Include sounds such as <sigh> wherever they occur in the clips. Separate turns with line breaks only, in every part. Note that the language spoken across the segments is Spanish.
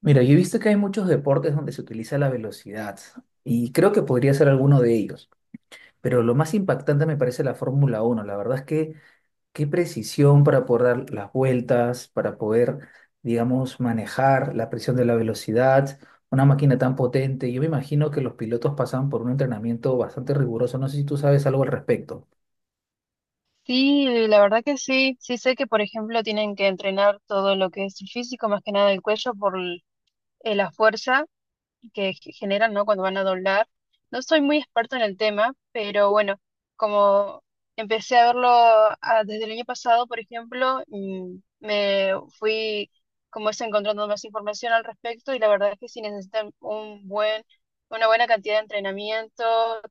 Mira, yo he visto que hay muchos deportes donde se utiliza la velocidad y creo que podría ser alguno de ellos, pero lo más impactante me parece la Fórmula Uno. La verdad es que qué precisión para poder dar las vueltas, para poder, digamos, manejar la presión de la velocidad, una máquina tan potente. Yo me imagino que los pilotos pasan por un entrenamiento bastante riguroso. No sé si tú sabes algo al respecto.
Sí, la verdad que sí. Sí sé que, por ejemplo, tienen que entrenar todo lo que es el físico, más que nada el cuello la fuerza que generan, ¿no? Cuando van a doblar. No soy muy experta en el tema, pero bueno, como empecé a verlo desde el año pasado, por ejemplo, me fui como es encontrando más información al respecto y la verdad es que si necesitan una buena cantidad de entrenamiento,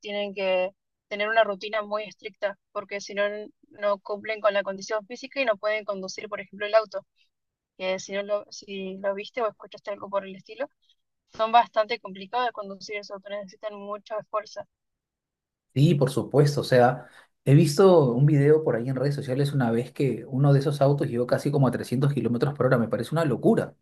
tienen que tener una rutina muy estricta, porque si no, no cumplen con la condición física y no pueden conducir, por ejemplo, el auto, que si lo viste o escuchaste algo por el estilo son bastante complicadas de conducir, sobre todo necesitan mucho esfuerzo.
Sí, por supuesto. O sea, he visto un video por ahí en redes sociales una vez que uno de esos autos llegó casi como a 300 kilómetros por hora. Me parece una locura.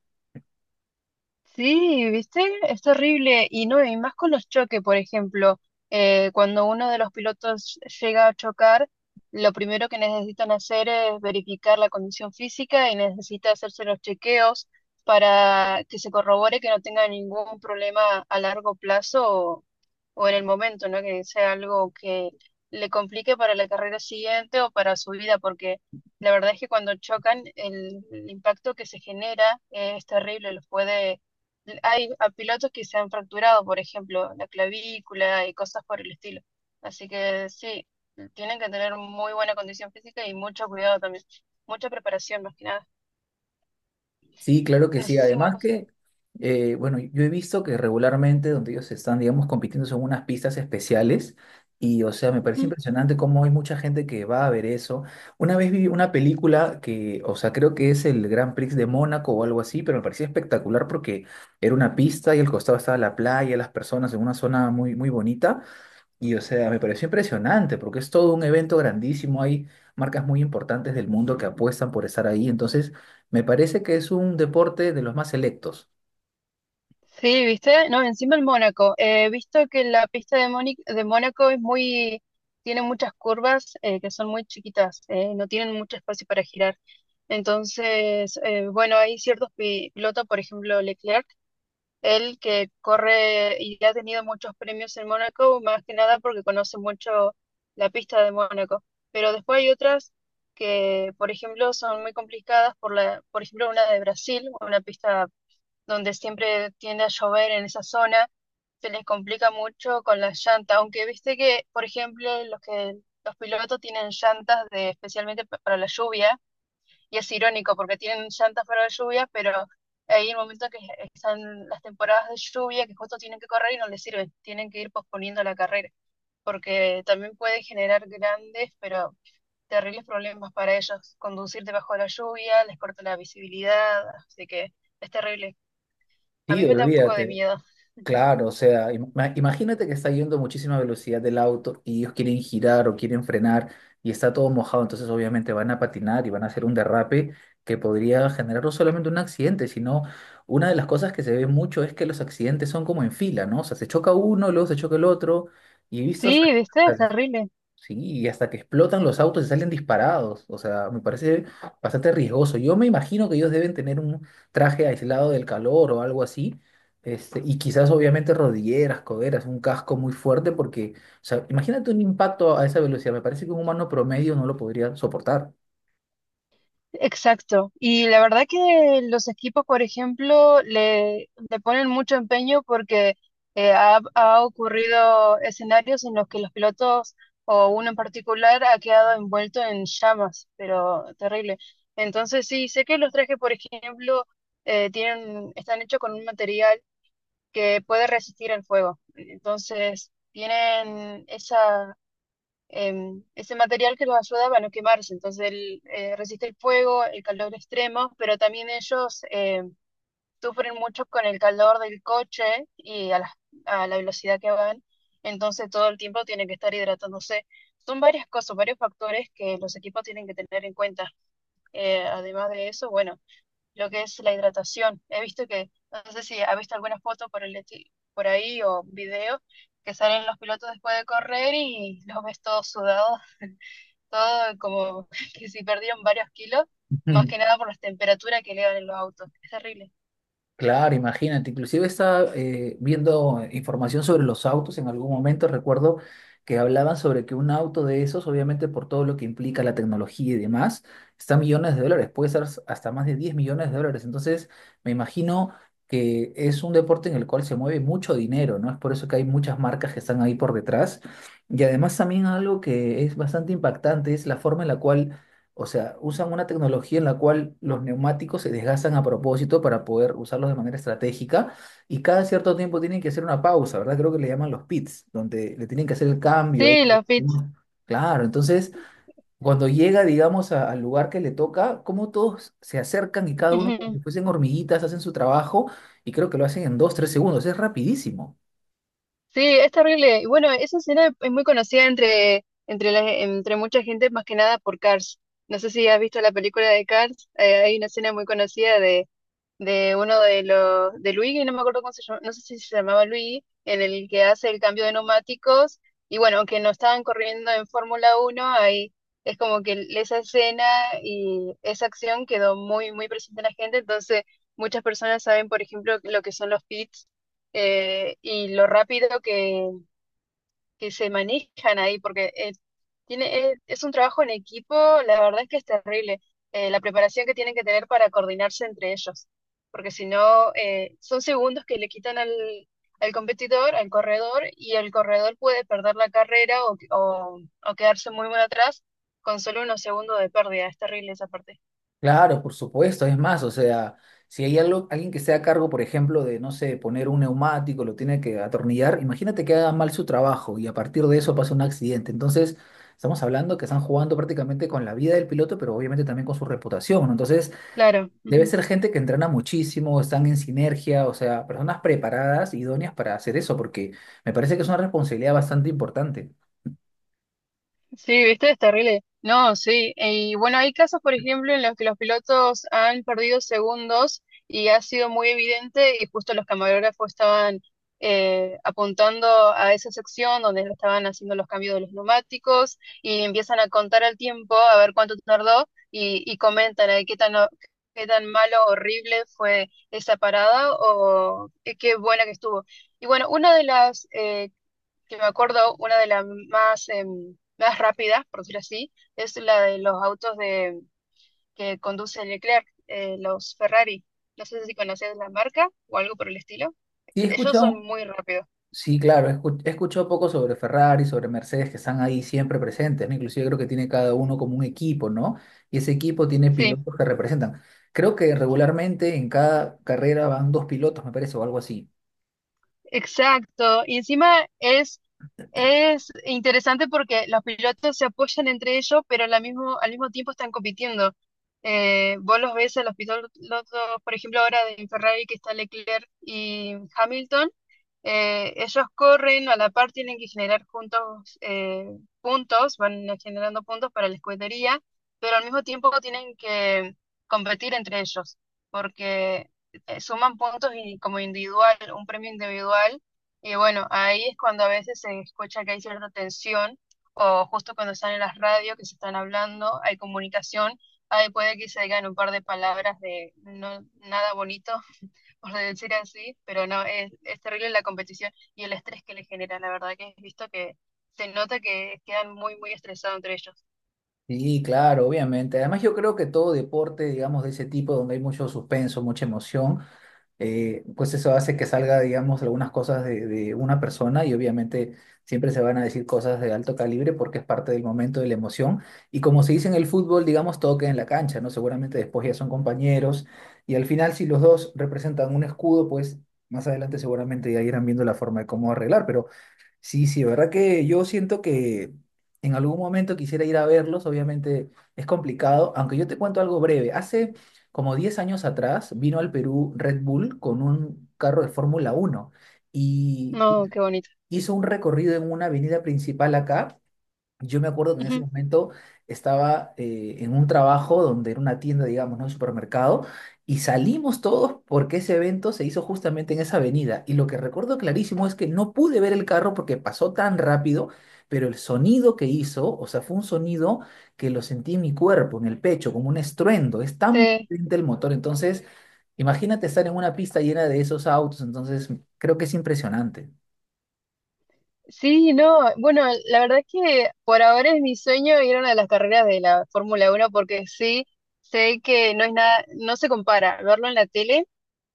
Sí, ¿viste? Es terrible. Y no, y más con los choques, por ejemplo, cuando uno de los pilotos llega a chocar, lo primero que necesitan hacer es verificar la condición física y necesita hacerse los chequeos para que se corrobore que no tenga ningún problema a largo plazo o en el momento, ¿no? Que sea algo que le complique para la carrera siguiente o para su vida, porque la verdad es que cuando chocan, el impacto que se genera es terrible, los puede hay a pilotos que se han fracturado, por ejemplo, la clavícula y cosas por el estilo. Así que sí, tienen que tener muy buena condición física y mucho cuidado también, mucha preparación más que nada.
Sí, claro que
No
sí.
sé si
Además
vos...
que, bueno, yo he visto que regularmente donde ellos están, digamos, compitiendo son unas pistas especiales y, o sea, me parece
Ujú.
impresionante cómo hay mucha gente que va a ver eso. Una vez vi una película que, o sea, creo que es el Grand Prix de Mónaco o algo así, pero me parecía espectacular porque era una pista y al costado estaba la playa, las personas en una zona muy, muy bonita. Y o sea, me pareció impresionante porque es todo un evento grandísimo. Hay marcas muy importantes del mundo que apuestan por estar ahí. Entonces, me parece que es un deporte de los más selectos.
Sí, ¿viste? No, encima el Mónaco. He visto que la pista de, Móni- de Mónaco es muy... tiene muchas curvas que son muy chiquitas, no tienen mucho espacio para girar. Entonces, bueno, hay ciertos pilotos, por ejemplo, Leclerc, él que corre y ha tenido muchos premios en Mónaco, más que nada porque conoce mucho la pista de Mónaco. Pero después hay otras que, por ejemplo, son muy complicadas por ejemplo, una de Brasil, una pista donde siempre tiende a llover en esa zona, se les complica mucho con las llantas, aunque viste que, por ejemplo, los pilotos tienen llantas de especialmente para la lluvia y es irónico porque tienen llantas para la lluvia, pero hay un momento que están las temporadas de lluvia que justo tienen que correr y no les sirve, tienen que ir posponiendo la carrera, porque también puede generar grandes, pero terribles problemas para ellos. Conducir debajo de la lluvia les corta la visibilidad, así que es terrible. A mí
Sí,
me da un poco de
olvídate.
miedo.
Claro, o sea, imagínate que está yendo a muchísima velocidad del auto y ellos quieren girar o quieren frenar y está todo mojado, entonces obviamente van a patinar y van a hacer un derrape que podría generar no solamente un accidente, sino una de las cosas que se ve mucho es que los accidentes son como en fila, ¿no? O sea, se choca uno, luego se choca el otro y he visto hasta...
Sí, viste, es terrible.
Sí, y hasta que explotan los autos y salen disparados. O sea, me parece bastante riesgoso. Yo me imagino que ellos deben tener un traje aislado del calor o algo así. Y quizás obviamente rodilleras, coderas, un casco muy fuerte porque, o sea, imagínate un impacto a esa velocidad. Me parece que un humano promedio no lo podría soportar.
Exacto. Y la verdad que los equipos, por ejemplo, le ponen mucho empeño porque ha ocurrido escenarios en los que los pilotos o uno en particular ha quedado envuelto en llamas, pero terrible. Entonces sí, sé que los trajes, por ejemplo, están hechos con un material que puede resistir al fuego. Entonces tienen ese material que los ayudaba a no quemarse. Entonces, él resiste el fuego, el calor extremo, pero también ellos sufren mucho con el calor del coche y a la velocidad que van. Entonces, todo el tiempo tienen que estar hidratándose. Son varias cosas, varios factores que los equipos tienen que tener en cuenta. Además de eso, bueno, lo que es la hidratación. He visto que, no sé si ha visto alguna foto por ahí o video que salen los pilotos después de correr y los ves todos sudados todo como <laughs> que si perdieron varios kilos, más que
<laughs>
nada por las temperaturas que elevan en los autos. Es terrible.
Claro, imagínate, inclusive estaba viendo información sobre los autos, en algún momento recuerdo que hablaban sobre que un auto de esos, obviamente por todo lo que implica la tecnología y demás, está a millones de dólares, puede ser hasta más de 10 millones de dólares, entonces me imagino que es un deporte en el cual se mueve mucho dinero, ¿no? Es por eso que hay muchas marcas que están ahí por detrás y además también algo que es bastante impactante es la forma en la cual o sea, usan una tecnología en la cual los neumáticos se desgastan a propósito para poder usarlos de manera estratégica y cada cierto tiempo tienen que hacer una pausa, ¿verdad? Creo que le llaman los pits, donde le tienen que hacer el cambio ahí.
Sí, los pits.
Claro, entonces cuando llega, digamos, al lugar que le toca, como todos se acercan y cada uno como
Ujú.
si fuesen hormiguitas, hacen su trabajo y creo que lo hacen en dos, tres segundos, es rapidísimo.
Sí, es terrible. Y bueno, esa escena es muy conocida entre mucha gente, más que nada por Cars. No sé si has visto la película de Cars, hay una escena muy conocida de uno de los de Luigi, no me acuerdo cómo se llama, no sé si se llamaba Luigi, en el que hace el cambio de neumáticos, y bueno, aunque no estaban corriendo en Fórmula Uno ahí, es como que esa escena y esa acción quedó muy, muy presente en la gente, entonces muchas personas saben, por ejemplo, lo que son los pits, y lo rápido que se manejan ahí, porque es un trabajo en equipo, la verdad es que es terrible, la preparación que tienen que tener para coordinarse entre ellos, porque si no, son segundos que le quitan al competidor, al corredor, y el corredor puede perder la carrera o quedarse muy muy atrás con solo unos segundos de pérdida, es terrible esa parte.
Claro, por supuesto, es más, o sea, si hay algo, alguien que esté a cargo, por ejemplo, de, no sé, poner un neumático, lo tiene que atornillar, imagínate que haga mal su trabajo y a partir de eso pasa un accidente. Entonces, estamos hablando que están jugando prácticamente con la vida del piloto, pero obviamente también con su reputación, ¿no? Entonces,
Claro.
debe
Ujú.
ser gente que entrena muchísimo, están en sinergia, o sea, personas preparadas, idóneas para hacer eso, porque me parece que es una responsabilidad bastante importante.
Sí, viste, es terrible. No, sí. Y bueno, hay casos, por ejemplo, en los que los pilotos han perdido segundos y ha sido muy evidente y justo los camarógrafos estaban apuntando a esa sección donde estaban haciendo los cambios de los neumáticos y empiezan a contar el tiempo, a ver cuánto tardó y comentan ahí qué tan malo, horrible fue esa parada o qué buena que estuvo. Y bueno, una de las que me acuerdo, una de las más, más rápidas, por decirlo así, es la de que conduce Leclerc, los Ferrari. No sé si conoces la marca o algo por el estilo.
Sí, he
Ellos son
escuchado.
muy rápidos.
Sí, claro, he escuchado poco sobre Ferrari, sobre Mercedes, que están ahí siempre presentes, ¿no? Inclusive creo que tiene cada uno como un equipo, ¿no? Y ese equipo tiene
Sí.
pilotos que representan. Creo que regularmente en cada carrera van dos pilotos, me parece, o algo así.
Exacto, y encima es interesante porque los pilotos se apoyan entre ellos, pero al mismo tiempo están compitiendo. Vos los ves a los pilotos, por ejemplo, ahora de Ferrari que está Leclerc y Hamilton, ellos corren, a la par tienen que generar juntos puntos, van generando puntos para la escudería, pero al mismo tiempo tienen que competir entre ellos, porque suman puntos y como individual, un premio individual. Y bueno, ahí es cuando a veces se escucha que hay cierta tensión o justo cuando están en las radios que se están hablando, hay comunicación, ahí puede que se digan un par de palabras de no, nada bonito, <laughs> por decir así, pero no, es terrible la competición y el estrés que le genera, la verdad que he visto que se nota que quedan muy, muy estresados entre ellos.
Sí, claro, obviamente. Además, yo creo que todo deporte, digamos, de ese tipo, donde hay mucho suspenso, mucha emoción, pues eso hace que salga, digamos, algunas cosas de una persona y obviamente siempre se van a decir cosas de alto calibre porque es parte del momento, de la emoción. Y como se dice en el fútbol, digamos, todo queda en la cancha, ¿no? Seguramente después ya son compañeros y al final si los dos representan un escudo, pues más adelante seguramente ya irán viendo la forma de cómo arreglar, pero... Sí, sí, verdad que yo siento que en algún momento quisiera ir a verlos, obviamente es complicado, aunque yo te cuento algo breve. Hace como 10 años atrás vino al Perú Red Bull con un carro de Fórmula uno y
No, qué bonito.
hizo un recorrido en una avenida principal acá. Yo me acuerdo que en ese
Ujú.
momento estaba en un trabajo donde era una tienda, digamos, ¿no? Un supermercado, y salimos todos porque ese evento se hizo justamente en esa avenida. Y lo que recuerdo clarísimo es que no pude ver el carro porque pasó tan rápido, pero el sonido que hizo, o sea, fue un sonido que lo sentí en mi cuerpo, en el pecho, como un estruendo. Es tan
Sí.
potente el motor. Entonces, imagínate estar en una pista llena de esos autos. Entonces, creo que es impresionante.
Sí, no, bueno, la verdad es que por ahora es mi sueño ir a una de las carreras de la Fórmula Uno, porque sí sé que no es nada, no se compara verlo en la tele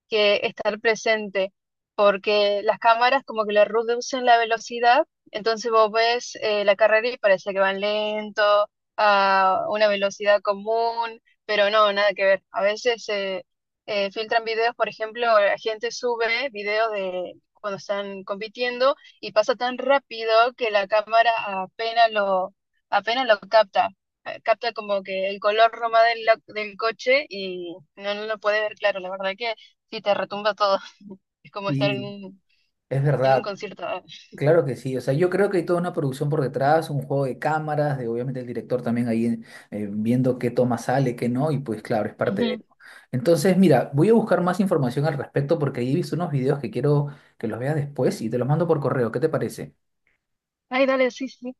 que estar presente, porque las cámaras como que le reducen la velocidad, entonces vos ves la carrera y parece que van lento, a una velocidad común, pero no, nada que ver. A veces filtran videos, por ejemplo, la gente sube videos de cuando están compitiendo y pasa tan rápido que la cámara apenas lo, apenas lo capta, capta como que el color roma del coche y no, no lo puede ver claro. La verdad que sí, te retumba todo. <laughs> Es como estar
Y es
en un
verdad.
concierto. Ah,
Claro que sí, o sea, yo creo que hay toda una producción por detrás, un juego de cámaras, de obviamente el director también ahí viendo qué toma sale, qué no, y pues claro, es parte de
ujú.
él. Entonces, mira, voy a buscar más información al respecto porque ahí he visto unos videos que quiero que los veas después y te los mando por correo, ¿qué te parece?
Ay, dale, sí, sí.